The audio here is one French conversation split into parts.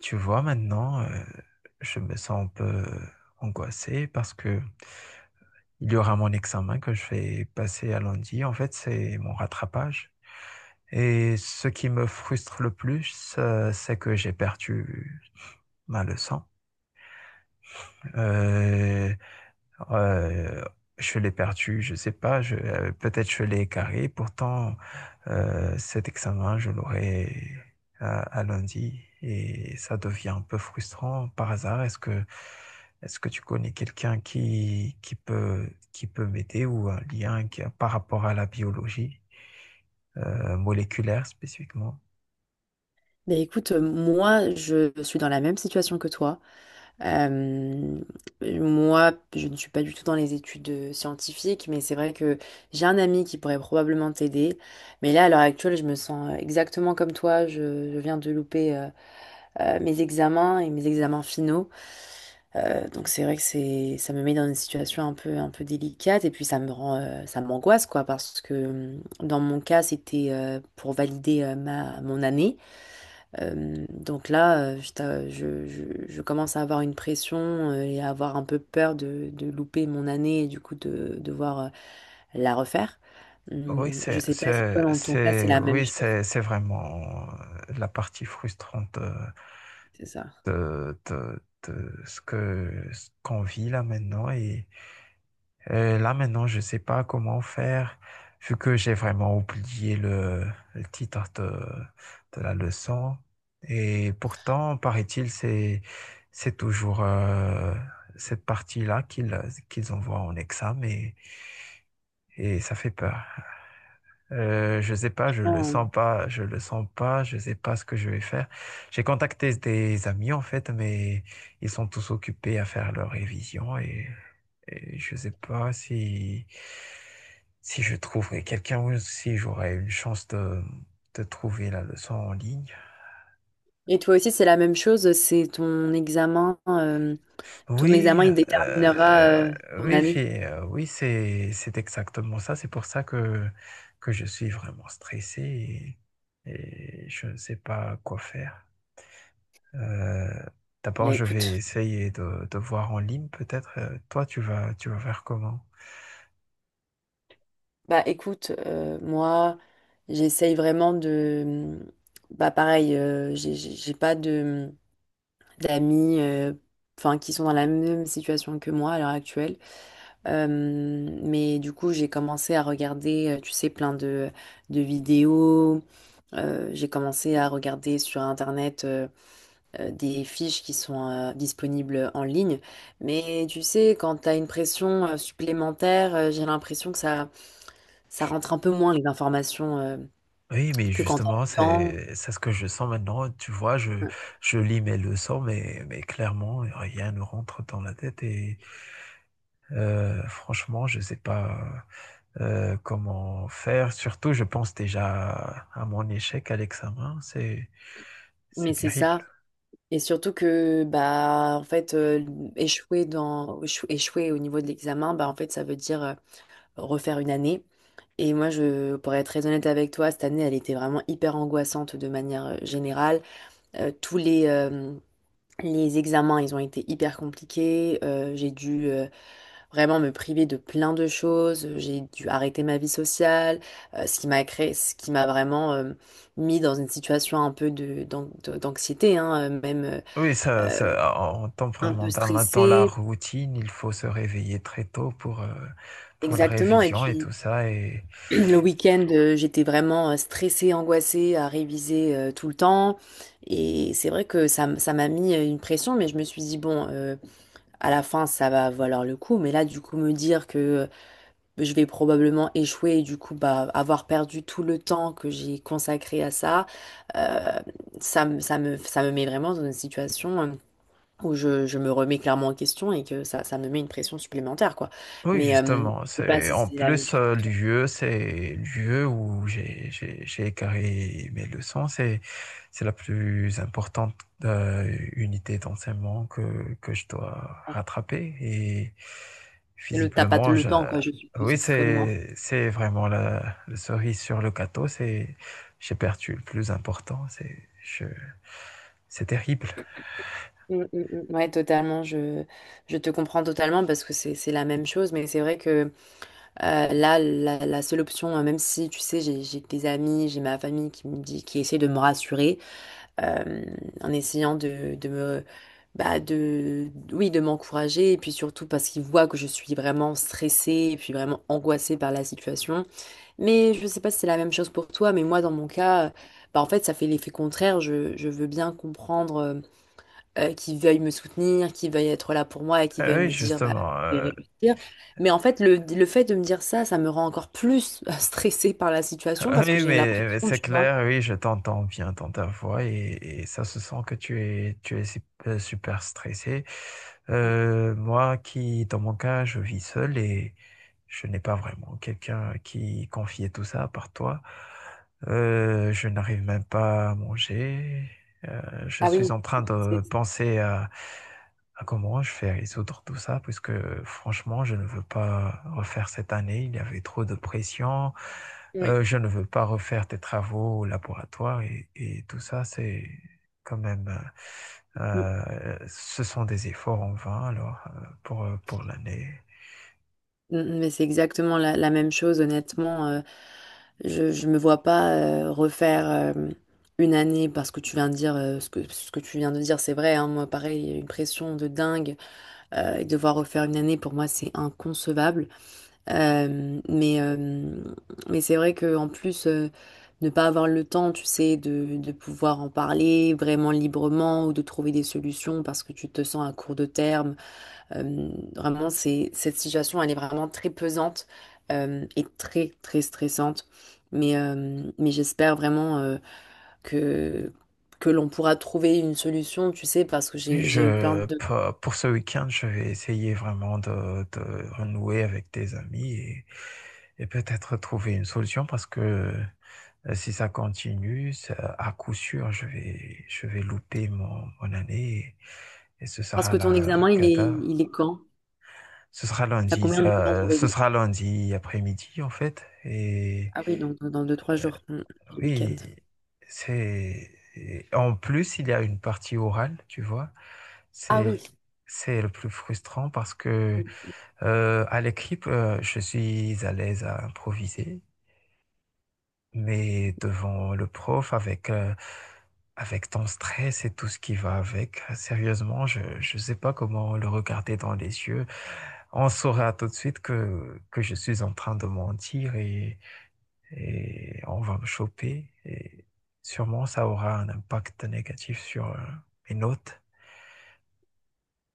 Tu vois, maintenant, je me sens un peu angoissé parce que il y aura mon examen que je vais passer à lundi. En fait, c'est mon rattrapage. Et ce qui me frustre le plus, c'est que j'ai perdu ma leçon. Euh, Euh, je l'ai perdu, je sais pas, peut-être je l'ai écarté. Pourtant, cet examen, je l'aurai à lundi et ça devient un peu frustrant. Par hasard, est-ce que tu connais quelqu'un qui peut m'aider ou un lien qui, par rapport à la biologie, moléculaire spécifiquement? Mais écoute, moi, je suis dans la même situation que toi. Euh, Moi, je ne suis pas du tout dans les études scientifiques, mais c'est vrai que j'ai un ami qui pourrait probablement t'aider. Mais là, à l'heure actuelle, je me sens exactement comme toi. Je viens de louper mes examens et mes examens finaux. Donc c'est vrai que ça me met dans une situation un peu délicate et puis ça me rend, ça m'angoisse quoi, parce que dans mon cas, c'était pour valider mon année. Donc là, je, t'a- je commence à avoir une pression et à avoir un peu peur de louper mon année et du coup de devoir la refaire. Oui, Je sais pas si toi, dans ton cas, c'est la même oui, chose. C'est vraiment la partie frustrante. C'est ça. de, de- de ce ce qu'on vit là maintenant. Et là maintenant, je ne sais pas comment faire, vu que j'ai vraiment oublié le titre de la leçon. Et pourtant, paraît-il, c'est toujours cette partie-là qu'ils envoient en examen et ça fait peur. Je sais pas, Oh. Je le sens pas, je sais pas ce que je vais faire. J'ai contacté des amis en fait, mais ils sont tous occupés à faire leur révision et je sais pas si si je trouverai quelqu'un ou si j'aurai une chance de trouver la leçon en ligne. Et toi aussi, c'est la même chose. C'est ton examen. Ton Oui, examen, euh, il déterminera euh, ton oui, année. Oui, c'est exactement ça. C'est pour ça que je suis vraiment stressé et je ne sais pas quoi faire. Euh, Bah D'abord, je vais écoute, essayer de voir en ligne peut-être. Toi, tu vas faire comment? bah écoute, moi j'essaye vraiment de, bah pareil, j'ai pas d'amis enfin qui sont dans la même situation que moi à l'heure actuelle. Mais du coup, j'ai commencé à regarder, tu sais, plein de vidéos. J'ai commencé à regarder sur Internet des fiches qui sont disponibles en ligne. Mais tu sais, quand tu as une pression supplémentaire, j'ai l'impression que ça rentre un peu moins les informations Oui, mais que quand tu as justement, le temps. C'est ce que je sens maintenant. Tu vois, je lis mes leçons, mais clairement, rien ne rentre dans la tête. Et franchement, je sais pas comment faire. Surtout, je pense déjà à mon échec à l'examen. C'est Mais c'est terrible. ça. Et surtout que, bah, en fait, échouer au niveau de l'examen, bah, en fait, ça veut dire refaire une année. Et moi, je, pour être très honnête avec toi, cette année, elle était vraiment hyper angoissante de manière générale. Euh, tous les, euh, les examens, ils ont été hyper compliqués. J'ai dû vraiment me priver de plein de choses. J'ai dû arrêter ma vie sociale, ce qui m'a vraiment mis dans une situation un peu d'anxiété, hein, même Oui, en temps, un vraiment, peu dans la stressée. routine, il faut se réveiller très tôt pour la Exactement. Et révision et puis, tout ça. Le week-end, j'étais vraiment stressée, angoissée à réviser tout le temps. Et c'est vrai que ça m'a mis une pression, mais je me suis dit, bon, à la fin, ça va valoir le coup. Mais là, du coup, me dire que je vais probablement échouer et du coup, bah, avoir perdu tout le temps que j'ai consacré à ça, euh, ça me met vraiment dans une situation. Je me remets clairement en question et que ça me met une pression supplémentaire, quoi. Oui, Mais justement. je sais pas C'est si en c'est la même plus chose pour le toi. lieu, c'est le lieu où j'ai écarré mes leçons. C'est la plus importante unité d'enseignement que je dois Ah. rattraper. Et Et le t'as pas visiblement, le temps, quoi, je suppose, oui, comme moi. C'est vraiment la cerise sur le gâteau. C'est J'ai perdu le plus important. C'est terrible. Mm, mm, mm. Ouais, totalement. Je te comprends totalement parce que c'est la même chose. Mais c'est vrai que la seule option, même si, tu sais, j'ai des amis, j'ai ma famille qui me dit, qui essaie de me rassurer. euh, En essayant de me bah de oui de m'encourager et puis surtout parce qu'il voit que je suis vraiment stressée et puis vraiment angoissée par la situation. Mais je sais pas si c'est la même chose pour toi, mais moi dans mon cas, bah en fait ça fait l'effet contraire. Je veux bien comprendre qu'il veuille me soutenir, qu'ils veuillent être là pour moi et qu'ils veuillent Oui, me dire bah justement. je vais réussir. Mais en fait le fait de me dire ça me rend encore plus stressée par la situation parce que Oui, j'ai la mais pression c'est tu vois. clair, oui, je t'entends bien dans ta voix et ça se sent que tu es super stressé. Moi qui, dans mon cas, je vis seul et je n'ai pas vraiment quelqu'un qui confier tout ça à part toi. Je n'arrive même pas à manger. Euh, je Ah suis oui. en train de C'est- penser à comment je fais résoudre tout ça, puisque franchement, je ne veux pas refaire cette année. Il y avait trop de pression. Oui. Je ne veux pas refaire tes travaux au laboratoire et tout ça, c'est quand même, ce sont des efforts en vain alors pour l'année. Mm, mm. Mais c'est exactement la même chose, honnêtement. Je me vois pas refaire une année, parce que tu viens de dire ce que tu viens de dire, c'est vrai. Hein, moi, pareil, il y a une pression de dingue, et devoir refaire une année pour moi, c'est inconcevable. Euh, mais euh, mais c'est vrai que en plus. Ne pas avoir le temps, tu sais, de pouvoir en parler vraiment librement ou de trouver des solutions parce que tu te sens à court de terme, euh, vraiment, cette situation, elle est vraiment très pesante, et très, très stressante. Mais j'espère vraiment que, que l'on pourra trouver une solution, tu sais, parce que Oui, j'ai eu plein de... pour ce week-end, je vais essayer vraiment de renouer avec tes amis et peut-être trouver une solution parce que si ça continue, à coup sûr, je vais louper mon année et ce Parce sera que ton la examen, cata. il est quand? Ce sera T'as lundi, combien de temps pour ce réviser? sera lundi après-midi en fait. Et Ah oui, donc dans deux, trois jours, mm, le week-end. oui, c'est et en plus il y a une partie orale, tu vois. Ah oui. C'est c'est le plus frustrant parce que à l'écrit, je suis à l'aise à improviser. Mais devant le prof, avec, avec ton stress et tout ce qui va avec, sérieusement, je ne sais pas comment le regarder dans les yeux. On saura tout de suite que je suis en train de mentir et on va me choper. Et sûrement, ça aura un impact négatif sur mes notes.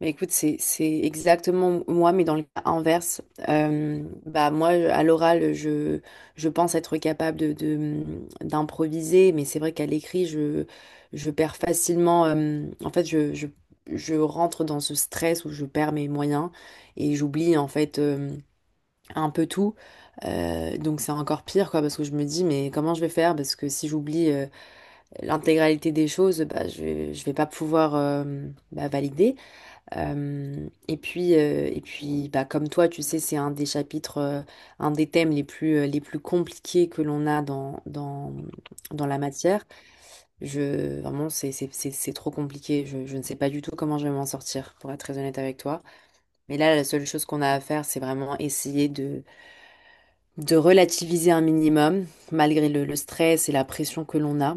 Mais écoute, c'est exactement moi, mais dans le cas inverse. Bah moi, à l'oral, je pense être capable d'improviser, mais c'est vrai qu'à l'écrit, je perds facilement. En fait, Je rentre dans ce stress où je perds mes moyens et j'oublie en fait un peu tout. Donc c'est encore pire quoi, parce que je me dis mais comment je vais faire, parce que si j'oublie l'intégralité des choses, bah je vais pas pouvoir bah, valider. Et puis bah, comme toi, tu sais, c'est un des chapitres, un des thèmes les plus compliqués que l'on a dans la matière. Je, vraiment, c'est trop compliqué. Je ne sais pas du tout comment je vais m'en sortir, pour être très honnête avec toi. Mais là, la seule chose qu'on a à faire, c'est vraiment essayer de relativiser un minimum, malgré le stress et la pression que l'on a.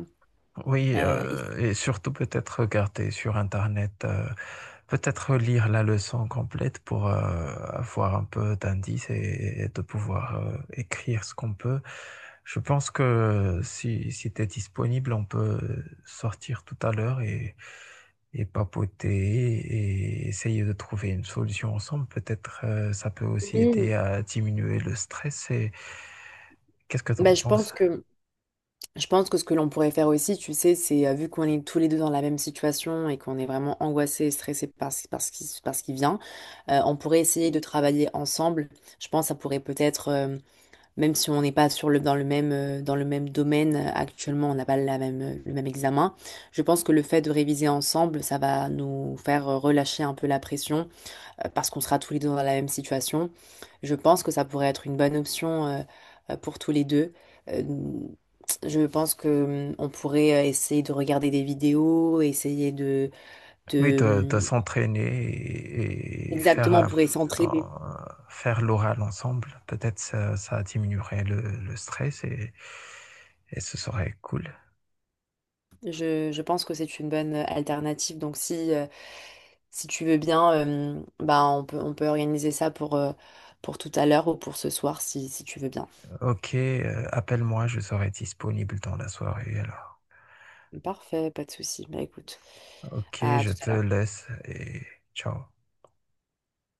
Oui, et- et surtout peut-être regarder sur Internet, peut-être lire la leçon complète pour avoir un peu d'indices et de pouvoir écrire ce qu'on peut. Je pense que si, si tu es disponible, on peut sortir tout à l'heure et papoter et essayer de trouver une solution ensemble. Peut-être ça peut aussi aider Oui. à diminuer le stress. Et qu'est-ce que tu en Bah, je penses? pense que... Je pense que ce que l'on pourrait faire aussi, tu sais, c'est vu qu'on est tous les deux dans la même situation et qu'on est vraiment angoissé, et stressés par par ce qui vient, on pourrait essayer de travailler ensemble. Je pense que ça pourrait peut-être, même si on n'est pas sur le, dans le même domaine actuellement, on n'a pas la même, le même examen, je pense que le fait de réviser ensemble, ça va nous faire relâcher un peu la pression, parce qu'on sera tous les deux dans la même situation. Je pense que ça pourrait être une bonne option, pour tous les deux. Euh, je pense que on pourrait essayer de regarder des vidéos, essayer Oui, de de s'entraîner et faire, exactement, on pourrait s'entraider. faire l'oral ensemble. Peut-être ça diminuerait le stress et ce serait cool. Je pense que c'est une bonne alternative. Donc si, si tu veux bien, bah, on peut organiser ça pour tout à l'heure ou pour ce soir, si, si tu veux bien. Ok, appelle-moi, je serai disponible dans la soirée alors. Parfait, pas de souci. Bah écoute, Ok, à je tout te à l'heure. laisse et ciao.